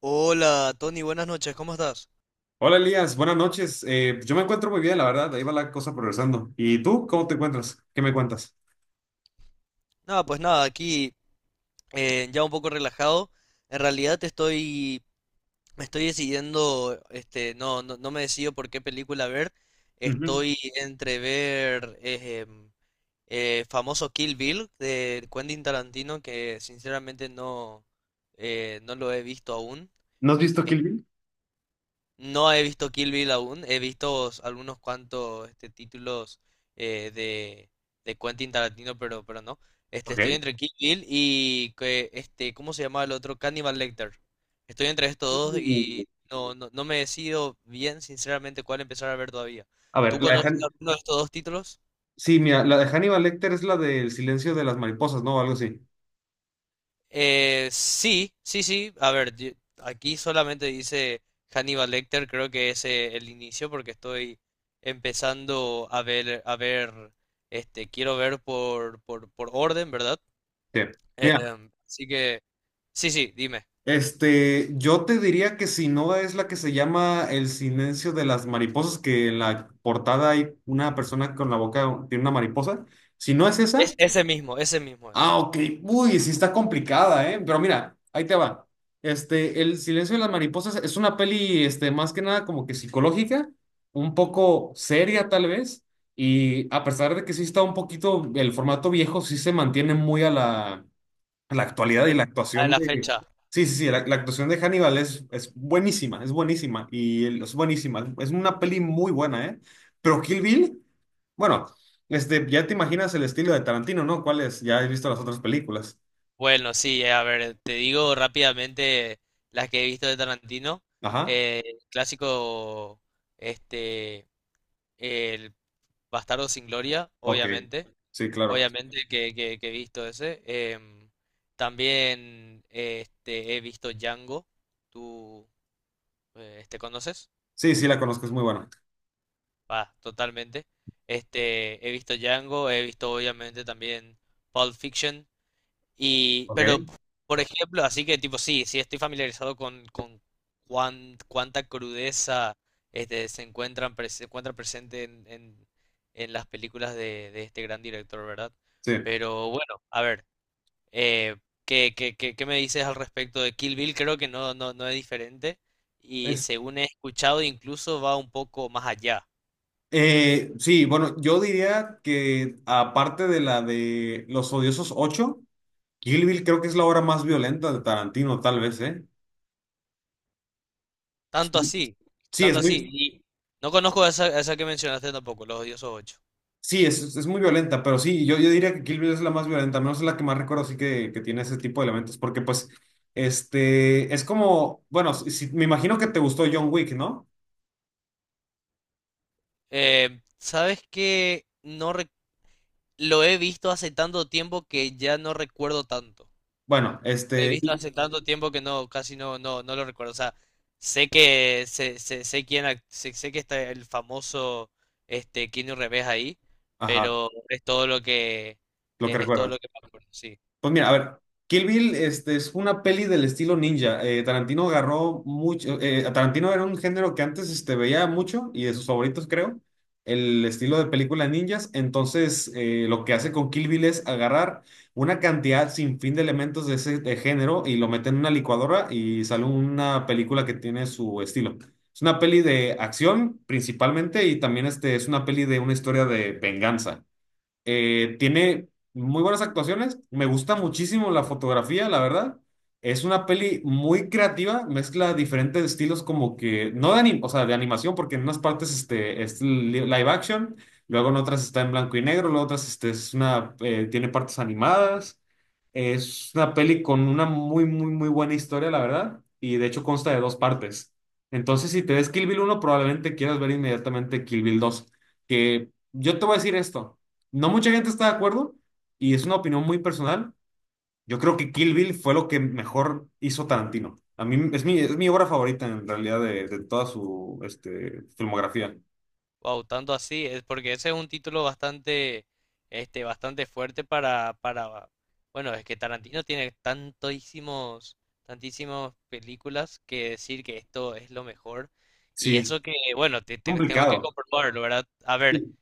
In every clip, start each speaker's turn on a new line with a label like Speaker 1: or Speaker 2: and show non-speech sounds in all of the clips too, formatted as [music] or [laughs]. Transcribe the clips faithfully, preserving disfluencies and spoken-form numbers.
Speaker 1: Hola, Tony, buenas noches, ¿cómo estás?
Speaker 2: Hola Elías, buenas noches. Eh, yo me encuentro muy bien, la verdad. Ahí va la cosa progresando. ¿Y tú cómo te encuentras? ¿Qué me cuentas?
Speaker 1: Nada, pues nada, aquí eh, ya un poco relajado. En realidad te estoy, me estoy decidiendo, este, no, no, no me decido por qué película ver.
Speaker 2: Ujú.
Speaker 1: Estoy entre ver eh, em, eh, famoso Kill Bill de Quentin Tarantino, que sinceramente no, eh, no lo he visto aún.
Speaker 2: ¿No has visto Kill Bill?
Speaker 1: No he visto Kill Bill aún, he visto s- algunos cuantos este, títulos eh, de, de Quentin Tarantino, pero, pero no. Este, estoy
Speaker 2: Ok.
Speaker 1: entre Kill Bill y que, este, ¿cómo se llama el otro? Cannibal Lecter. Estoy entre estos dos
Speaker 2: Uh,
Speaker 1: y no, no, no me decido bien, sinceramente, cuál empezar a ver todavía.
Speaker 2: A ver,
Speaker 1: ¿Tú
Speaker 2: la de
Speaker 1: conoces
Speaker 2: Han-
Speaker 1: alguno de estos dos títulos?
Speaker 2: Sí, mira, la de Hannibal Lecter es la del silencio de las mariposas, ¿no? Algo así.
Speaker 1: Eh, sí, sí, sí. A ver, yo- aquí solamente dice Hannibal Lecter, creo que es eh, el inicio porque estoy empezando a ver, a ver, este, quiero ver por, por, por orden, ¿verdad?
Speaker 2: Sí. Mira,
Speaker 1: Em, así que, sí, sí, dime.
Speaker 2: este, yo te diría que si no es la que se llama El silencio de las mariposas, que en la portada hay una persona con la boca, tiene una mariposa. Si no es esa.
Speaker 1: Es, ese mismo, ese mismo es.
Speaker 2: Ah, ok. Uy, sí está complicada, ¿eh? Pero mira, ahí te va. Este, El silencio de las mariposas es una peli, este, más que nada como que psicológica, un poco seria tal vez, y a pesar de que sí está un poquito, el formato viejo sí se mantiene muy a la, a la actualidad y
Speaker 1: El-
Speaker 2: la
Speaker 1: A
Speaker 2: actuación
Speaker 1: la
Speaker 2: de...
Speaker 1: fecha.
Speaker 2: Sí, sí, sí, la, la actuación de Hannibal es, es buenísima, es buenísima, y el- es buenísima. Es una peli muy buena, ¿eh? Pero Kill Bill... Bueno, este, ya te imaginas el estilo de Tarantino, ¿no? ¿Cuál es? Ya has visto las otras películas.
Speaker 1: Bueno, sí, eh, a ver, te digo rápidamente las que he visto de Tarantino.
Speaker 2: Ajá.
Speaker 1: Eh, el clásico, este, el Bastardo sin Gloria,
Speaker 2: Ok.
Speaker 1: obviamente.
Speaker 2: Sí, claro.
Speaker 1: Obviamente que, que- que he visto ese. Em, también eh, este, he visto Django. ¿Tú eh, este, conoces?
Speaker 2: Sí, sí, la conozco, es muy buena.
Speaker 1: Va, totalmente. Este, he visto Django, he visto obviamente también Pulp Fiction. Y,
Speaker 2: Ok.
Speaker 1: pero, por ejemplo, así que tipo, sí, sí estoy familiarizado con, con cuán- cuánta crudeza este, se encuentran, pres- se encuentra presente en, en- en las películas de, de este gran director, ¿verdad?
Speaker 2: Sí.
Speaker 1: Pero bueno, a ver, eh, ¿qué, qué- qué- qué me dices al respecto de Kill Bill? Creo que no, no, no es diferente y
Speaker 2: Es,
Speaker 1: según he escuchado incluso va un poco más allá.
Speaker 2: eh, sí, bueno, yo diría que aparte de la de Los Odiosos ocho, Kill Bill creo que es la obra más violenta de Tarantino, tal vez, ¿eh?
Speaker 1: Tanto así,
Speaker 2: Sí,
Speaker 1: tanto
Speaker 2: es
Speaker 1: así.
Speaker 2: muy,
Speaker 1: Y no conozco esa, esa que mencionaste tampoco, Los Odiosos ocho.
Speaker 2: Sí, es, es muy violenta, pero sí, yo, yo diría que Kill Bill es la más violenta, al menos es la que más recuerdo así que, que tiene ese tipo de elementos, porque pues, este, es como, bueno, si- si- me imagino que te gustó John Wick, ¿no?
Speaker 1: Eh, ¿sabes qué? No rec- Lo he visto hace tanto tiempo que ya no recuerdo tanto.
Speaker 2: Bueno,
Speaker 1: Lo he
Speaker 2: este,
Speaker 1: visto
Speaker 2: y-
Speaker 1: hace tanto tiempo que no, casi no, no, no lo recuerdo. O sea, sé que sé, sé, sé quién ac- sé, sé que está el famoso este Keanu Reeves ahí,
Speaker 2: ajá,
Speaker 1: pero es todo lo que
Speaker 2: lo que
Speaker 1: eh, es todo lo
Speaker 2: recuerdas.
Speaker 1: que me acuerdo, sí.
Speaker 2: Pues mira, a ver, Kill Bill este, es una peli del estilo ninja. Eh, Tarantino agarró mucho. eh, Tarantino era un género que antes este, veía mucho y de sus favoritos, creo. El estilo de película ninjas. Entonces, eh, lo que hace con Kill Bill es agarrar una cantidad sin fin de elementos de ese de género y lo mete en una licuadora y sale una película que tiene su estilo. Es una peli de acción principalmente y también este, es una peli de una historia de venganza. Eh, tiene muy buenas actuaciones. Me gusta muchísimo la fotografía, la verdad. Es una peli muy creativa, mezcla diferentes estilos como que, no de anim- o sea, de animación, porque en unas partes este, es li- live action, luego en otras está en blanco y negro, luego otras este, es una, eh, tiene partes animadas. Es una peli con una muy, muy, muy buena historia, la verdad, y de hecho consta de dos partes. Entonces, si te ves Kill Bill uno probablemente quieras ver inmediatamente Kill Bill dos, que yo te voy a decir esto no mucha gente está de acuerdo y es una opinión muy personal. Yo creo que Kill Bill fue lo que mejor hizo Tarantino. A mí es mi, es mi obra favorita en realidad de, de toda su este, filmografía.
Speaker 1: Wow, tanto así, es porque ese es un título bastante, este, bastante fuerte para, para, bueno, es que Tarantino tiene tantísimos, tantísimas películas que decir que esto es lo mejor. Y
Speaker 2: Sí,
Speaker 1: eso que, bueno, te, te- tengo que
Speaker 2: complicado.
Speaker 1: comprobarlo, ¿verdad? A ver,
Speaker 2: Sí.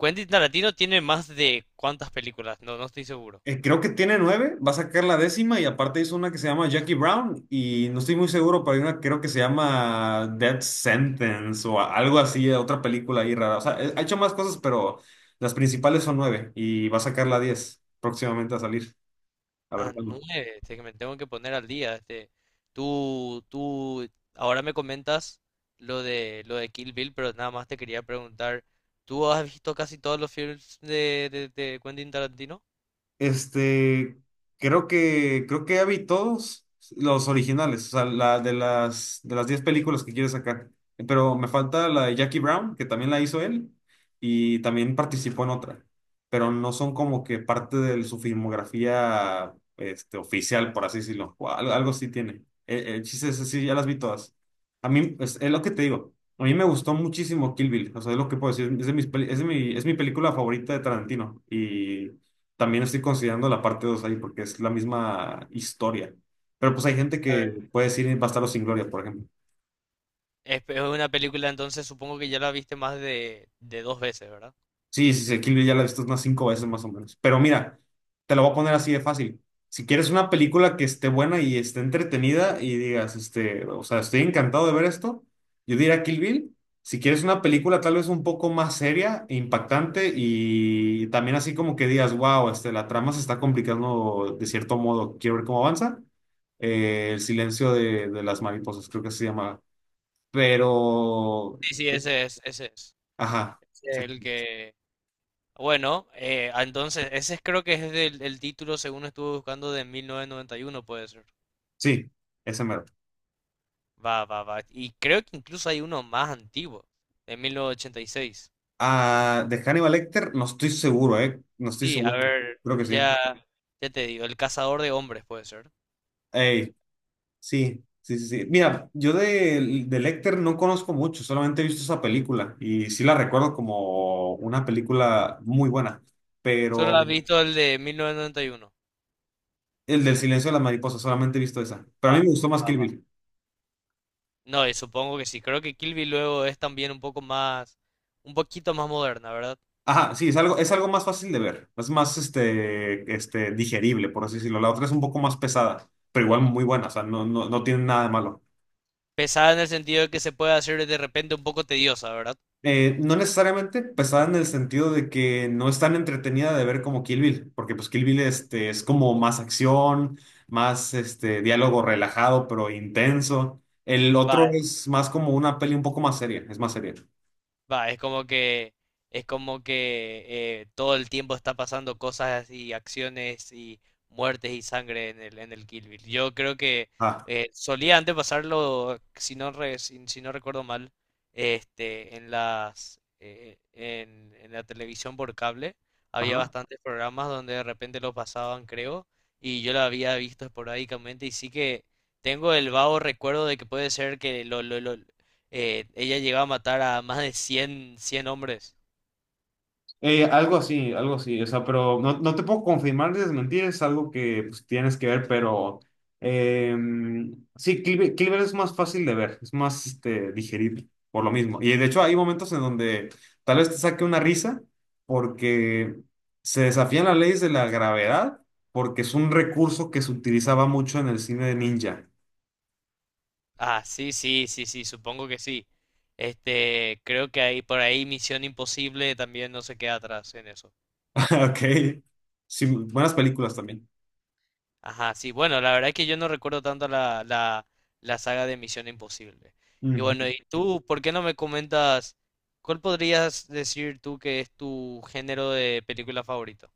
Speaker 1: Quentin Tarantino tiene más de cuántas películas, no, no estoy seguro.
Speaker 2: Eh, creo que tiene nueve, va a sacar la décima y aparte hizo una que se llama Jackie Brown y no estoy muy seguro, pero hay una que creo que se llama Death Sentence o a- algo así, otra película ahí rara. O sea, eh, ha hecho más cosas, pero las principales son nueve y va a sacar la diez próximamente a salir. A ver
Speaker 1: Ah,
Speaker 2: cuándo.
Speaker 1: nueve, este, que me tengo que poner al día. Este, tú, tú, ahora me comentas lo de lo de Kill Bill, pero nada más te quería preguntar, ¿tú has visto casi todos los films de, de, de Quentin Tarantino?
Speaker 2: Este, creo que, creo que ya vi todos los originales, o sea, la de las de las diez películas que quiere sacar. Pero me falta la de Jackie Brown, que también la hizo él, y también participó en otra. Pero no son como que parte de su filmografía, este, oficial, por así decirlo. O al- algo, sí tiene. El, el chiste es así, ya las vi todas. A mí, es, es lo que te digo. A mí me gustó muchísimo Kill Bill, o sea, es lo que puedo decir, es de mis peli- es de mi, es mi película favorita de Tarantino y también estoy considerando la parte dos ahí porque es la misma historia. Pero pues hay gente
Speaker 1: A
Speaker 2: que
Speaker 1: ver.
Speaker 2: puede decir Bastardos sin Gloria, por ejemplo.
Speaker 1: Es, es una película, entonces supongo que ya la viste más de, de dos veces, ¿verdad?
Speaker 2: Sí, sí, sí, Kill Bill ya la he visto unas cinco veces más o menos. Pero mira, te lo voy a poner así de fácil. Si quieres una película que esté buena y esté entretenida y digas, este, o sea, estoy encantado de ver esto, yo diría Kill Bill. Si quieres una película tal vez un poco más seria e impactante y también así como que digas, wow, este, la trama se está complicando de cierto modo, quiero ver cómo avanza. eh, El silencio de, de las mariposas, creo que se llama. Pero,
Speaker 1: Sí, sí, ese es, ese es.
Speaker 2: ajá,
Speaker 1: Ese es el
Speaker 2: exacto.
Speaker 1: que... Bueno, eh, ah, entonces, ese es- creo que es del, el título, según estuve buscando, de mil novecientos noventa y uno, puede ser.
Speaker 2: Sí, ese mero.
Speaker 1: Va, va, va. Y creo que incluso hay uno más antiguo, de mil novecientos ochenta y seis.
Speaker 2: Ah, de Hannibal Lecter, no estoy seguro, ¿eh? No estoy
Speaker 1: Sí, a
Speaker 2: seguro.
Speaker 1: ver,
Speaker 2: Creo que sí.
Speaker 1: ya, ya te digo, El cazador de hombres puede ser.
Speaker 2: Ey, sí, sí, sí, sí. Mira, yo de, de Lecter no conozco mucho, solamente he visto esa película y sí la recuerdo como una película muy buena,
Speaker 1: Solo
Speaker 2: pero
Speaker 1: has Sí. visto el de mil novecientos noventa y uno.
Speaker 2: el del silencio de las mariposas, solamente he visto esa. Pero a mí
Speaker 1: Va.
Speaker 2: me gustó más Kill Bill.
Speaker 1: No, y supongo que sí. Creo que Kill Bill luego es también un poco más, un poquito más moderna, ¿verdad?
Speaker 2: Ajá, sí, es algo, es algo más fácil de ver, es más este, este, digerible, por así decirlo. La otra es un poco más pesada, pero igual muy buena, o sea, no, no, no tiene nada de malo.
Speaker 1: Pesada en el sentido de que se puede hacer de repente un poco tediosa, ¿verdad?
Speaker 2: Eh, no necesariamente pesada en el sentido de que no es tan entretenida de ver como Kill Bill, porque pues Kill Bill este, es como más acción, más este, diálogo relajado pero intenso. El otro
Speaker 1: Va,
Speaker 2: es más como una peli un poco más seria, es más seria.
Speaker 1: Va, es como que es como que eh, todo el tiempo está pasando cosas y acciones y muertes y sangre en el en el Kill Bill. Yo creo que
Speaker 2: Ah,
Speaker 1: eh, solía antes pasarlo, si no re- si, si no recuerdo mal, este en las eh, en, en la televisión por cable había
Speaker 2: ajá.
Speaker 1: bastantes programas donde de repente lo pasaban, creo, y yo lo había visto esporádicamente y sí que tengo el vago recuerdo de que puede ser que lo, lo, lo- eh, ella llegó a matar a más de cien cien hombres.
Speaker 2: Eh, algo así, algo así, o sea, pero no, no te puedo confirmar ni desmentir, es algo que pues, tienes que ver, pero em, sí, Cleaver, Cleaver es más fácil de ver, es más este, digerible, por lo mismo. Y de hecho hay momentos en donde tal vez te saque una risa porque se desafían las leyes de la gravedad, porque es un recurso que se utilizaba mucho en el cine de ninja. [laughs]
Speaker 1: Ah, sí, sí, sí, sí, supongo que sí. Este, creo que ahí por ahí Misión Imposible también no se queda atrás en eso.
Speaker 2: Ok, sí, buenas películas también.
Speaker 1: Ajá, sí, bueno, la verdad es que yo no recuerdo tanto la, la, la saga de Misión Imposible. Y bueno, ¿y tú por qué no me comentas cuál podrías decir tú que es tu género de película favorito?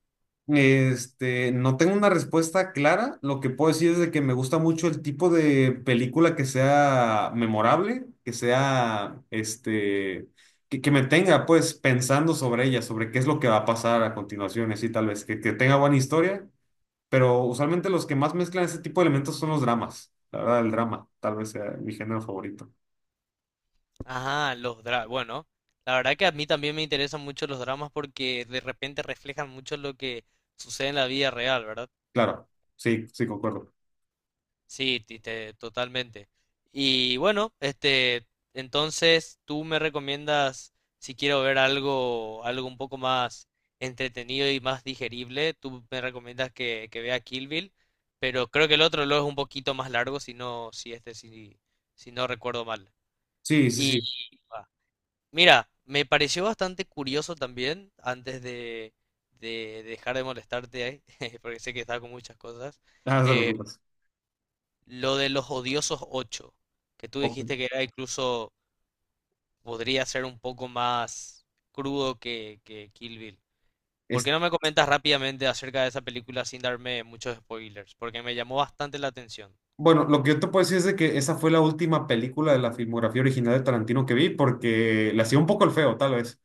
Speaker 2: Este, no tengo una respuesta clara. Lo que puedo decir es de que me gusta mucho el tipo de película que sea memorable, que sea, este, que, que me tenga pues pensando sobre ella, sobre qué es lo que va a pasar a continuación, así tal vez, que, que tenga buena historia, pero usualmente los que más mezclan ese tipo de elementos son los dramas. La verdad, el drama tal vez sea mi género favorito.
Speaker 1: Ajá, los dramas. Bueno, la verdad que a mí también me interesan mucho los dramas porque de repente reflejan mucho lo que sucede en la vida real, ¿verdad?
Speaker 2: Claro, sí, sí, concuerdo.
Speaker 1: Sí, ti- te- totalmente. Y bueno, este, entonces tú me recomiendas si quiero ver algo, algo un poco más entretenido y más digerible, tú me recomiendas que, que vea Kill Bill, pero creo que el otro lo es un poquito más largo, si no, si este, si, si no recuerdo mal.
Speaker 2: Sí, sí,
Speaker 1: Y
Speaker 2: sí.
Speaker 1: Mira, me pareció bastante curioso también, antes de, de dejar de molestarte, eh, [laughs] porque sé que estaba con muchas cosas,
Speaker 2: Ah, no te
Speaker 1: eh,
Speaker 2: preocupes.
Speaker 1: lo de los odiosos ocho, que tú
Speaker 2: Ok.
Speaker 1: dijiste que era incluso, podría ser un poco más crudo que, que Kill Bill. ¿Por qué
Speaker 2: Es-
Speaker 1: no me comentas rápidamente acerca de esa película sin darme muchos spoilers? Porque me llamó bastante la atención.
Speaker 2: Bueno, lo que yo te puedo decir es de que esa fue la última película de la filmografía original de Tarantino que vi porque le hacía un poco el feo, tal vez.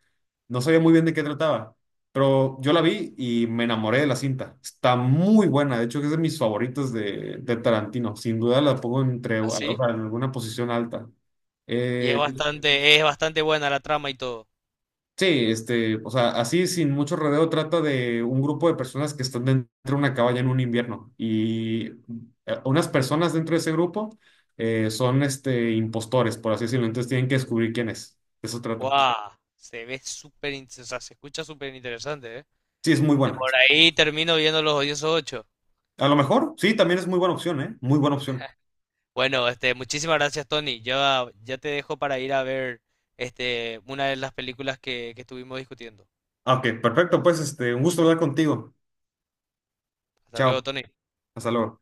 Speaker 2: No sabía muy bien de qué trataba, pero yo la vi y me enamoré de la cinta. Está muy buena, de hecho es de mis favoritos de, de Tarantino. Sin duda la pongo entre, o
Speaker 1: ¿Así?
Speaker 2: sea, en alguna posición alta.
Speaker 1: Y es
Speaker 2: Eh,
Speaker 1: Eh, bastante, es bastante buena la trama y todo.
Speaker 2: Sí, este, o sea, así sin mucho rodeo trata de un grupo de personas que están dentro de una cabaña en un invierno y eh, unas personas dentro de ese grupo eh, son este, impostores, por así decirlo, entonces tienen que descubrir quién es. De eso trata.
Speaker 1: ¡Guau! Se ve súper, in- o sea, se escucha súper interesante, ¿eh?
Speaker 2: Sí, es muy
Speaker 1: De
Speaker 2: buena.
Speaker 1: por ahí termino viendo los odiosos ocho.
Speaker 2: A lo mejor, sí, también es muy buena opción, ¿eh? Muy buena opción.
Speaker 1: Bueno, este, muchísimas gracias, Tony. Ya, ya te dejo para ir a ver este, una de las películas que, que estuvimos discutiendo.
Speaker 2: Ah, ok, perfecto, pues este, un gusto hablar contigo.
Speaker 1: Hasta
Speaker 2: Chao,
Speaker 1: luego, Tony.
Speaker 2: hasta luego.